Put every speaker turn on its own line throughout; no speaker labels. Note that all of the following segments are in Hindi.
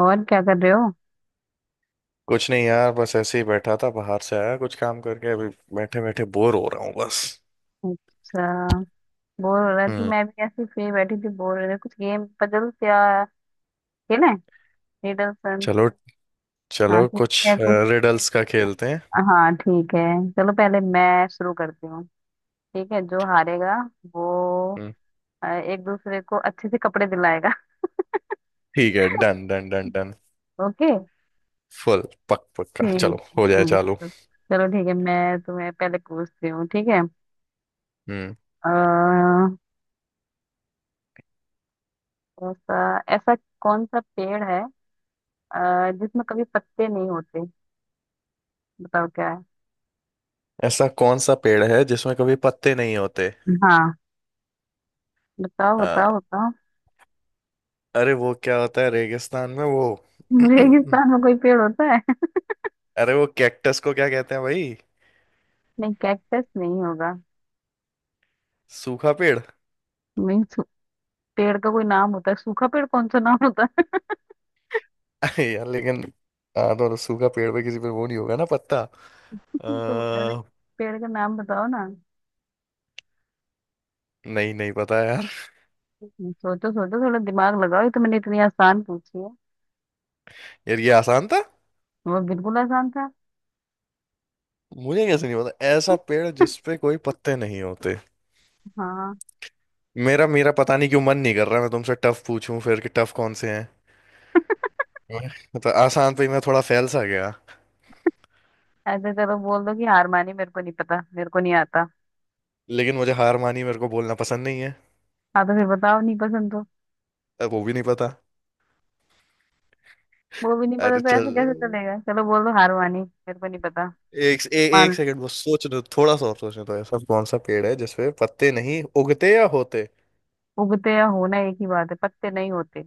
और क्या कर रहे हो।
कुछ नहीं यार। बस ऐसे ही बैठा था। बाहर से आया कुछ काम करके अभी। बैठे बैठे बोर हो रहा हूँ बस।
अच्छा। बोर हो रहा थी,
हम्म।
मैं भी ऐसे फ्री बैठी थी, बोर हो रही थी। कुछ गेम पजल्स या खेलें? रिडल सन।
चलो।
हाँ,
चलो
खेलते
कुछ
हैं कुछ।
रिडल्स का खेलते हैं।
हाँ, ठीक है। चलो पहले मैं शुरू करती हूँ। ठीक है, जो हारेगा वो
हम्म।
एक दूसरे को अच्छे से कपड़े दिलाएगा।
ठीक है। Done done done done.
Okay.
Full पक पक्का
ठीक है,
चलो हो जाए चालू।
चलो। चलो ठीक है, मैं तुम्हें पहले पूछती हूँ, ठीक है।
हम्म
अः ऐसा ऐसा कौन सा पेड़ है जिसमें कभी पत्ते नहीं होते? बताओ क्या है।
ऐसा कौन सा पेड़ है जिसमें कभी पत्ते नहीं होते?
हाँ, बताओ
आ,
बताओ बताओ।
अरे वो क्या होता है रेगिस्तान में वो।
रेगिस्तान में कोई पेड़ होता है?
अरे वो कैक्टस को क्या कहते हैं भाई?
नहीं, कैक्टस नहीं होगा।
सूखा पेड़।
नहीं, पेड़ का कोई नाम होता है सूखा पेड़? कौन सा नाम होता है?
अरे यार लेकिन। हाँ तो सूखा पेड़ पे किसी पे वो नहीं होगा ना पत्ता।
तो अरे,
आ,
पेड़ का नाम बताओ ना।
नहीं नहीं पता यार।
सोचो सोचो, थोड़ा दिमाग लगाओ, ये तो मैंने इतनी आसान पूछी है।
यार ये आसान था।
वो बिल्कुल आसान था।
मुझे कैसे नहीं पता ऐसा पेड़ जिस पे कोई पत्ते नहीं होते?
हाँ।
मेरा मेरा पता नहीं क्यों मन नहीं कर रहा मैं तुमसे टफ पूछूं फिर कि टफ कौन से हैं। तो आसान पे ही मैं थोड़ा फैल सा गया।
ऐसे चलो बोल दो कि हार मानी, मेरे को नहीं पता, मेरे को नहीं आता।
लेकिन मुझे हार मानी मेरे को बोलना पसंद नहीं है।
हाँ तो फिर बताओ, नहीं पसंद तो।
अब वो भी नहीं पता।
वो भी नहीं पता
अरे
तो ऐसे
चल।
कैसे चलेगा, चलो बोल दो हार मानी मेरे को नहीं पता।
एक ए,
मान
एक
लो।
सेकंड बस सोचने दो थोड़ा सा और सोचने दो। ऐसा कौन सा पेड़ है जिसपे पत्ते नहीं उगते या होते?
उगते या होना एक ही बात है, पत्ते नहीं होते।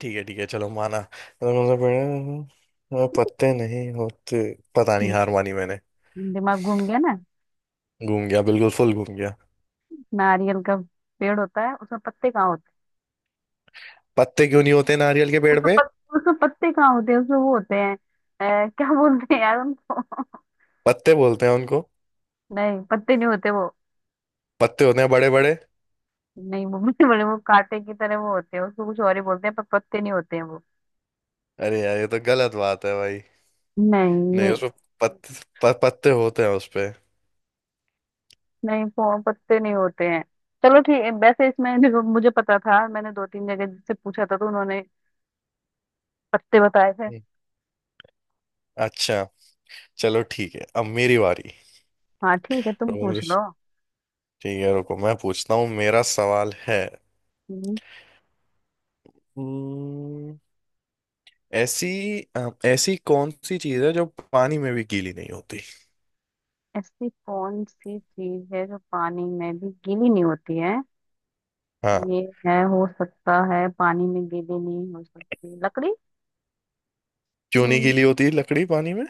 ठीक है ठीक है। चलो माना ऐसा कौन सा पेड़ है जिसमें पत्ते नहीं होते। पता नहीं हार मानी मैंने।
दिमाग घूम गया ना।
घूम गया बिल्कुल फुल घूम गया।
नारियल का पेड़ होता है, उसमें पत्ते कहाँ होते
पत्ते क्यों नहीं होते नारियल के
हैं?
पेड़ पे?
उसमें पत्ते कहाँ होते हैं? उसमें वो होते हैं, क्या बोलते हैं यार उनको।
पत्ते बोलते हैं उनको।
नहीं, पत्ते नहीं होते वो।
पत्ते होते हैं बड़े बड़े।
नहीं वो बड़े बड़े वो कांटे की तरह वो होते हैं, उसको कुछ और ही बोलते हैं, पर पत्ते नहीं होते हैं वो।
अरे यार ये तो गलत बात है भाई।
नहीं,
नहीं
ये
उसमें पत, पत्ते होते हैं उसपे।
नहीं। वो पत्ते नहीं होते हैं। चलो ठीक है, वैसे इसमें देखो मुझे पता था, मैंने दो तीन जगह जिससे पूछा था तो उन्होंने पत्ते बताए थे।
हम्म। अच्छा। चलो ठीक है अब मेरी बारी।
हाँ ठीक है, तुम
रुको मुझे।
पूछ लो।
ठीक है रुको मैं पूछता हूँ मेरा सवाल है। हम्म, ऐसी ऐसी कौन सी चीज है जो पानी में भी गीली नहीं होती?
ऐसी कौन सी चीज है जो पानी में भी गीली नहीं होती है?
हाँ।
ये है हो सकता है, पानी में गीली नहीं हो सकती लकड़ी।
क्यों नहीं
हम्म।
गीली होती लकड़ी पानी में?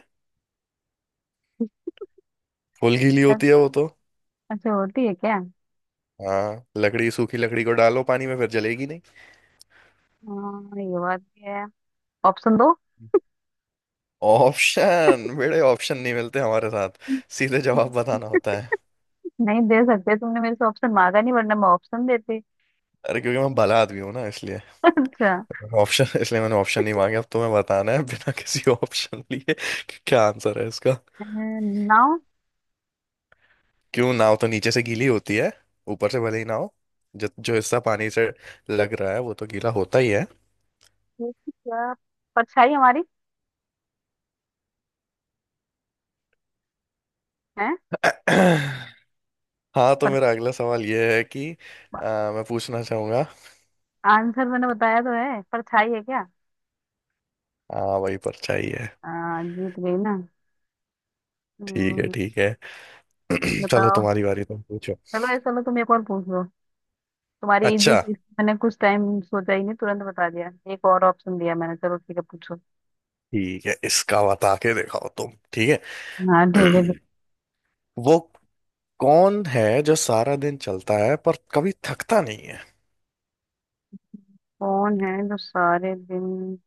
फुल गीली
ऐ-
होती है वो तो।
ऐसे होती है क्या?
हाँ लकड़ी सूखी लकड़ी को डालो पानी में फिर जलेगी नहीं।
हाँ, ये बात भी है। ऑप्शन दो।
ऑप्शन? बड़े ऑप्शन नहीं मिलते हमारे साथ। सीधे जवाब बताना होता है।
नहीं दे सकते, तुमने मेरे से ऑप्शन मांगा नहीं वरना मैं ऑप्शन देती।
अरे क्योंकि मैं भला आदमी हूँ ना इसलिए।
अच्छा।
ऑप्शन इसलिए मैंने ऑप्शन नहीं मांगे अब तुम्हें बताना है बिना किसी ऑप्शन लिए कि क्या आंसर है इसका।
नाव।
क्यों? नाव तो नीचे से गीली होती है। ऊपर से भले ही ना हो। जो जो हिस्सा पानी से लग रहा है वो तो गीला होता ही है।
ये क्या, परछाई हमारी है।
हाँ तो
पर
मेरा अगला सवाल ये है कि मैं पूछना चाहूंगा।
आंसर मैंने बताया तो है, परछाई है क्या?
हाँ वही परछाई है।
जीत गई ना।
ठीक है
हम्म।
ठीक है। चलो
बताओ।
तुम्हारी बारी तुम पूछो।
चलो ऐसा, चलो तुम एक और पूछ लो। तुम्हारी इजी
अच्छा।
थी, मैंने कुछ टाइम सोचा ही नहीं, तुरंत बता दिया, एक और ऑप्शन दिया मैंने। चलो ठीक है पूछो।
ठीक है इसका बता के दिखाओ तुम ठीक है।
हाँ ठीक है, ठीक।
वो कौन है जो सारा दिन चलता है पर कभी थकता नहीं है?
कौन है जो सारे दिन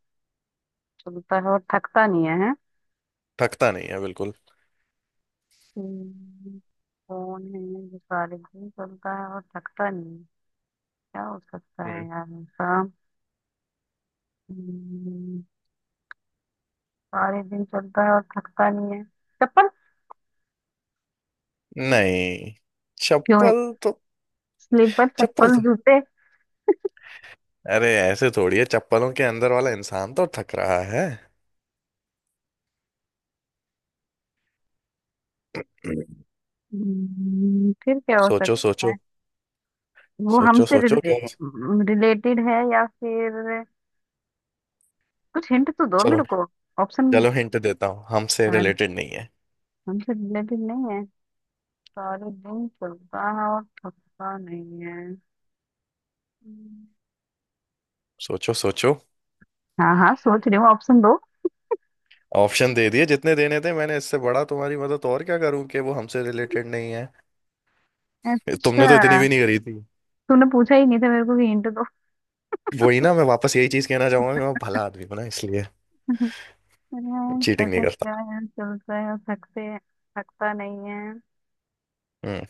चलता है और थकता नहीं है? हैं?
थकता नहीं है बिल्कुल।
हम्म, कौन है जो सारे दिन चलता है और थकता नहीं है? क्या हो सकता है
हम्म।
यार ऐसा। हम्म, सारे दिन चलता है और थकता नहीं है। चप्पल।
नहीं।
क्यों है?
चप्पल तो।
स्लीपर
चप्पल
चप्पल
तो
जूते।
अरे ऐसे थोड़ी है। चप्पलों के अंदर वाला इंसान तो थक रहा है। हम्म।
फिर क्या हो
सोचो
सकता
सोचो।
है? वो
सोचो
हमसे
सोचो
रिले,
क्या?
रिलेटेड है या फिर कुछ हिंट तो दो
चलो।
मेरे को। ऑप्शन।
चलो हिंट देता हूँ हमसे
हमसे
रिलेटेड नहीं है।
रिलेटेड नहीं है, सारे दिन चलता है और थकता नहीं है। हम्म,
सोचो सोचो।
हाँ हाँ, सोच रही हूँ, ऑप्शन दो।
ऑप्शन दे दिए जितने देने थे मैंने। इससे बड़ा तुम्हारी मदद और क्या करूं कि वो हमसे रिलेटेड नहीं है।
अच्छा।
तुमने तो इतनी भी नहीं करी थी।
तूने पूछा ही नहीं था मेरे को कि हिंट दो।
वही ना मैं वापस यही चीज कहना चाहूंगा कि मैं भला आदमी हूं ना इसलिए
अरे,
चीटिंग नहीं
ऐसा
करता।
क्या है, चलता है और थकते थकता नहीं है।
हम्म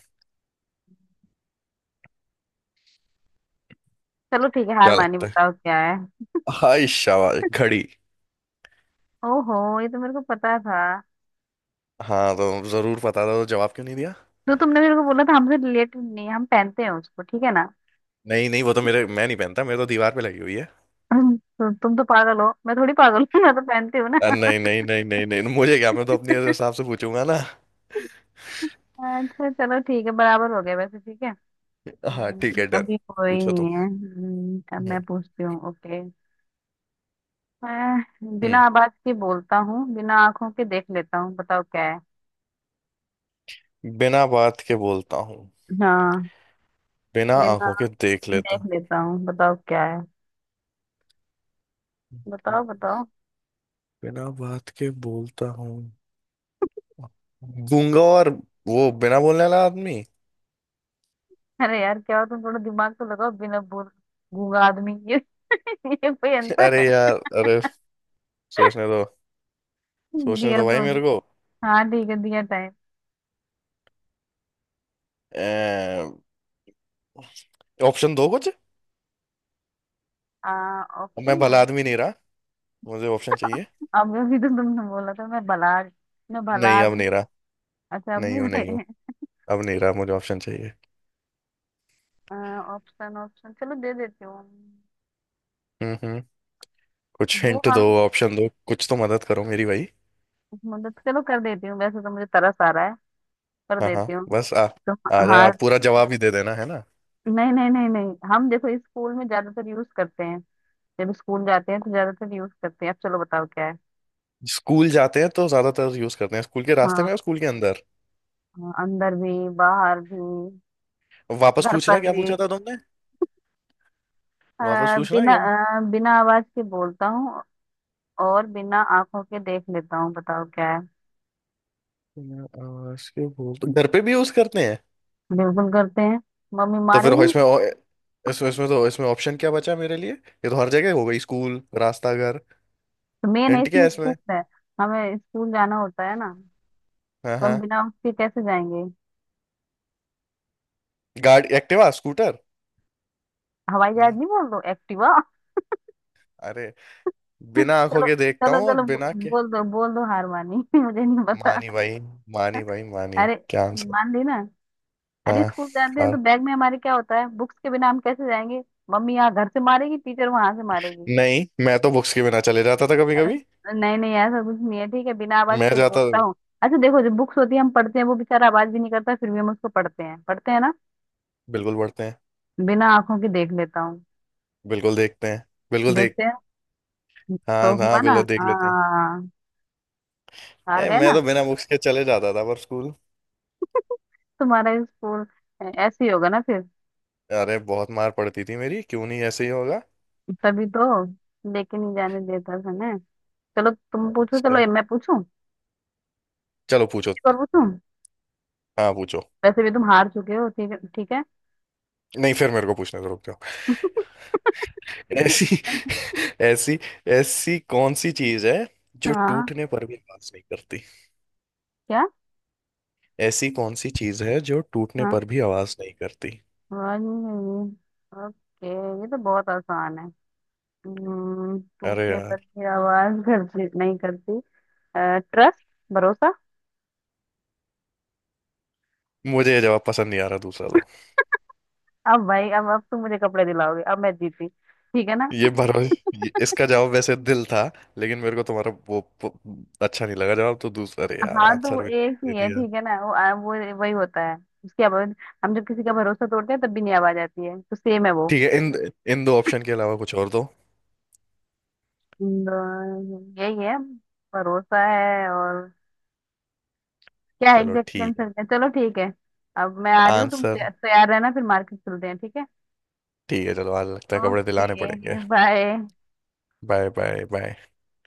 चलो ठीक है, हार
क्या
मानी,
लगता है?
बताओ क्या है।
हाय शाबाश घड़ी।
ओहो, ये तो मेरे को पता था।
हाँ तो जरूर पता था तो जवाब क्यों नहीं दिया?
जो तुमने मेरे को बोला था हमसे रिलेटेड नहीं है, हम पहनते हैं उसको, ठीक है ना।
नहीं नहीं वो तो मेरे मैं नहीं पहनता मेरे तो दीवार पे लगी हुई है।
तो तुम तो पागल हो, मैं थोड़ी पागल हूँ, मैं तो पहनती हूँ ना।
नहीं नहीं नहीं नहीं नहीं मुझे क्या मैं तो अपने हिसाब से पूछूंगा ना।
अच्छा चलो ठीक है, बराबर हो गया वैसे, ठीक है।
हाँ ठीक है डन।
अभी कोई
पूछो तुम।
नहीं है। अब
हम्म।
मैं पूछती हूँ। ओके। मैं बिना
हम्म,
आवाज के बोलता हूँ, बिना आंखों के देख लेता हूँ, बताओ क्या है।
बिना बात के बोलता हूँ।
हाँ।
बिना
बिना
आंखों के देख लेता
देख लेता हूँ, बताओ क्या है। बताओ
हूँ।
बताओ।
बिना बात के बोलता हूँ। गूंगा और वो बिना बोलने वाला आदमी।
अरे यार क्या हो तुम, थोड़ा दिमाग तो लगाओ। बिना बोल गूंगा आदमी, ये ये कोई आंसर है?
अरे यार। अरे सोचने दो। सोचने
दिया
दो भाई
तो।
मेरे को।
हाँ ठीक है, दिया टाइम।
ऑप्शन दो कुछ।
आ
मैं
ऑप्शन दो।
भला आदमी नहीं रहा। मुझे ऑप्शन चाहिए।
अब अभी तो तुमने बोला था मैं भला
नहीं अब
आदमी।
नहीं रहा।
अच्छा, अब
नहीं
नहीं
हूँ नहीं हूँ।
रहे।
अब नहीं रहा मुझे ऑप्शन चाहिए।
ऑप्शन ऑप्शन, चलो दे देती हूँ।
हम्म। कुछ
वो
हिंट दो
हम
ऑप्शन दो कुछ तो मदद करो मेरी भाई।
मतलब चलो कर देती हूँ, वैसे तो मुझे तरस आ रहा है, कर
हाँ हाँ।
देती हूँ।
बस आ
तो
आ जाए
हार।
आप पूरा जवाब ही दे देना है ना।
नहीं नहीं नहीं नहीं, हम देखो, इस स्कूल में ज्यादातर यूज करते हैं, जब स्कूल जाते हैं तो ज्यादातर यूज करते हैं, अब चलो बताओ क्या है।
स्कूल जाते हैं तो ज्यादातर यूज करते हैं स्कूल के रास्ते
हाँ।
में और स्कूल के अंदर।
हाँ, अंदर भी बाहर भी,
वापस
घर
पूछना
पर
क्या
भी।
पूछा था तुमने?
अ,
वापस पूछना है
बिना
क्या?
बिना आवाज के बोलता हूँ और बिना आंखों के देख लेता हूँ, बताओ क्या है।
आवाज के बोल तो घर पे भी यूज करते हैं।
बिल्कुल करते हैं, मम्मी
तो फिर
मारेगी।
इसमें इसमें इसमें तो इसमें ऑप्शन क्या बचा मेरे लिए? ये तो हर जगह हो गई स्कूल रास्ता घर।
तो मेन है
हिंट क्या
इसमें
है
स्कूल
इसमें?
है, हमें स्कूल जाना होता है ना,
हाँ
तो
हाँ।
हम बिना उसके कैसे जाएंगे।
गाड़ी एक्टिवा स्कूटर।
हवाई जहाज
नहीं।
नहीं बोल दो एक्टिवा।
अरे बिना आंखों
चलो
के देखता
चलो
हूँ और
चलो,
बिना के।
बोल दो बोल दो, हार मानी। मुझे नहीं पता।
मानी भाई। मानी भाई मानी
अरे,
क्या आंसर?
मान ली ना। अरे
हाँ
स्कूल जाते हैं तो
हाँ।
बैग में हमारे क्या होता है, बुक्स के बिना हम कैसे जाएंगे। मम्मी यहाँ घर से मारेगी, टीचर वहां से मारेगी।
नहीं मैं तो बुक्स के बिना चले जाता था कभी कभी।
नहीं नहीं, ऐसा कुछ नहीं है, ठीक है। बिना आवाज
मैं
के
जाता।
बोलता हूँ, अच्छा देखो जो बुक्स होती है हम पढ़ते हैं, वो बेचारा आवाज भी नहीं करता, फिर भी हम उसको पढ़ते हैं, पढ़ते हैं ना।
बिल्कुल पढ़ते हैं।
बिना आंखों के देख लेता हूँ,
बिल्कुल देखते हैं। बिल्कुल देख।
देखते हैं तो
हाँ
हुआ
हाँ
ना।
बिल्कुल देख लेते हैं।
हाँ, हार गए
मैं
ना।
तो बिना बुक्स के चले जाता था पर स्कूल।
तुम्हारा स्कूल ऐसे ही होगा ना फिर।
अरे बहुत मार पड़ती थी मेरी क्यों नहीं ऐसे ही होगा।
तभी तो लेके नहीं जाने देता था ना। चलो तुम पूछो, चलो
अच्छा।
ये मैं पूछूं,
चलो पूछो।
एक और पूछूं,
हाँ पूछो।
वैसे भी तुम हार चुके हो, ठीक है ठीक है।
नहीं फिर मेरे को पूछने से रुक जाओ। ऐसी ऐसी ऐसी कौन सी चीज है जो
हाँ।
टूटने पर भी आवाज नहीं करती?
क्या।
ऐसी कौन सी चीज है जो टूटने
हाँ।
पर भी आवाज नहीं करती?
वन। ओके ये तो बहुत आसान है।
अरे
टूटने पर
यार
भी आवाज घर नहीं करती। ट्रस्ट, भरोसा।
मुझे ये जवाब पसंद नहीं आ रहा दूसरा दो।
अब भाई अब तुम मुझे कपड़े दिलाओगे, अब मैं जीती, ठीक है ना।
ये भरोसे इसका जवाब वैसे दिल था। लेकिन मेरे को तुम्हारा वो अच्छा नहीं लगा जवाब तो दूसरा अरे यार
हाँ तो वो
आंसर भी
एक
दे
ही है,
दिया।
ठीक है ना। वो वो वही होता है, उसकी आवाज। हम जब किसी का भरोसा तोड़ते हैं तब भी नहीं आवाज आती है, तो सेम है वो।
ठीक है इन इन दो ऑप्शन के अलावा कुछ और दो।
यही है, भरोसा है और क्या है,
चलो
एग्जैक्ट
ठीक
आंसर
है
क्या है? चलो ठीक है। अब मैं आ रही हूँ, तुम
आंसर।
तैयार रहना, फिर मार्केट चलते हैं, ठीक है।
ठीक है चलो आज लगता है कपड़े दिलाने पड़ेंगे।
Okay, bye.
Bye bye bye.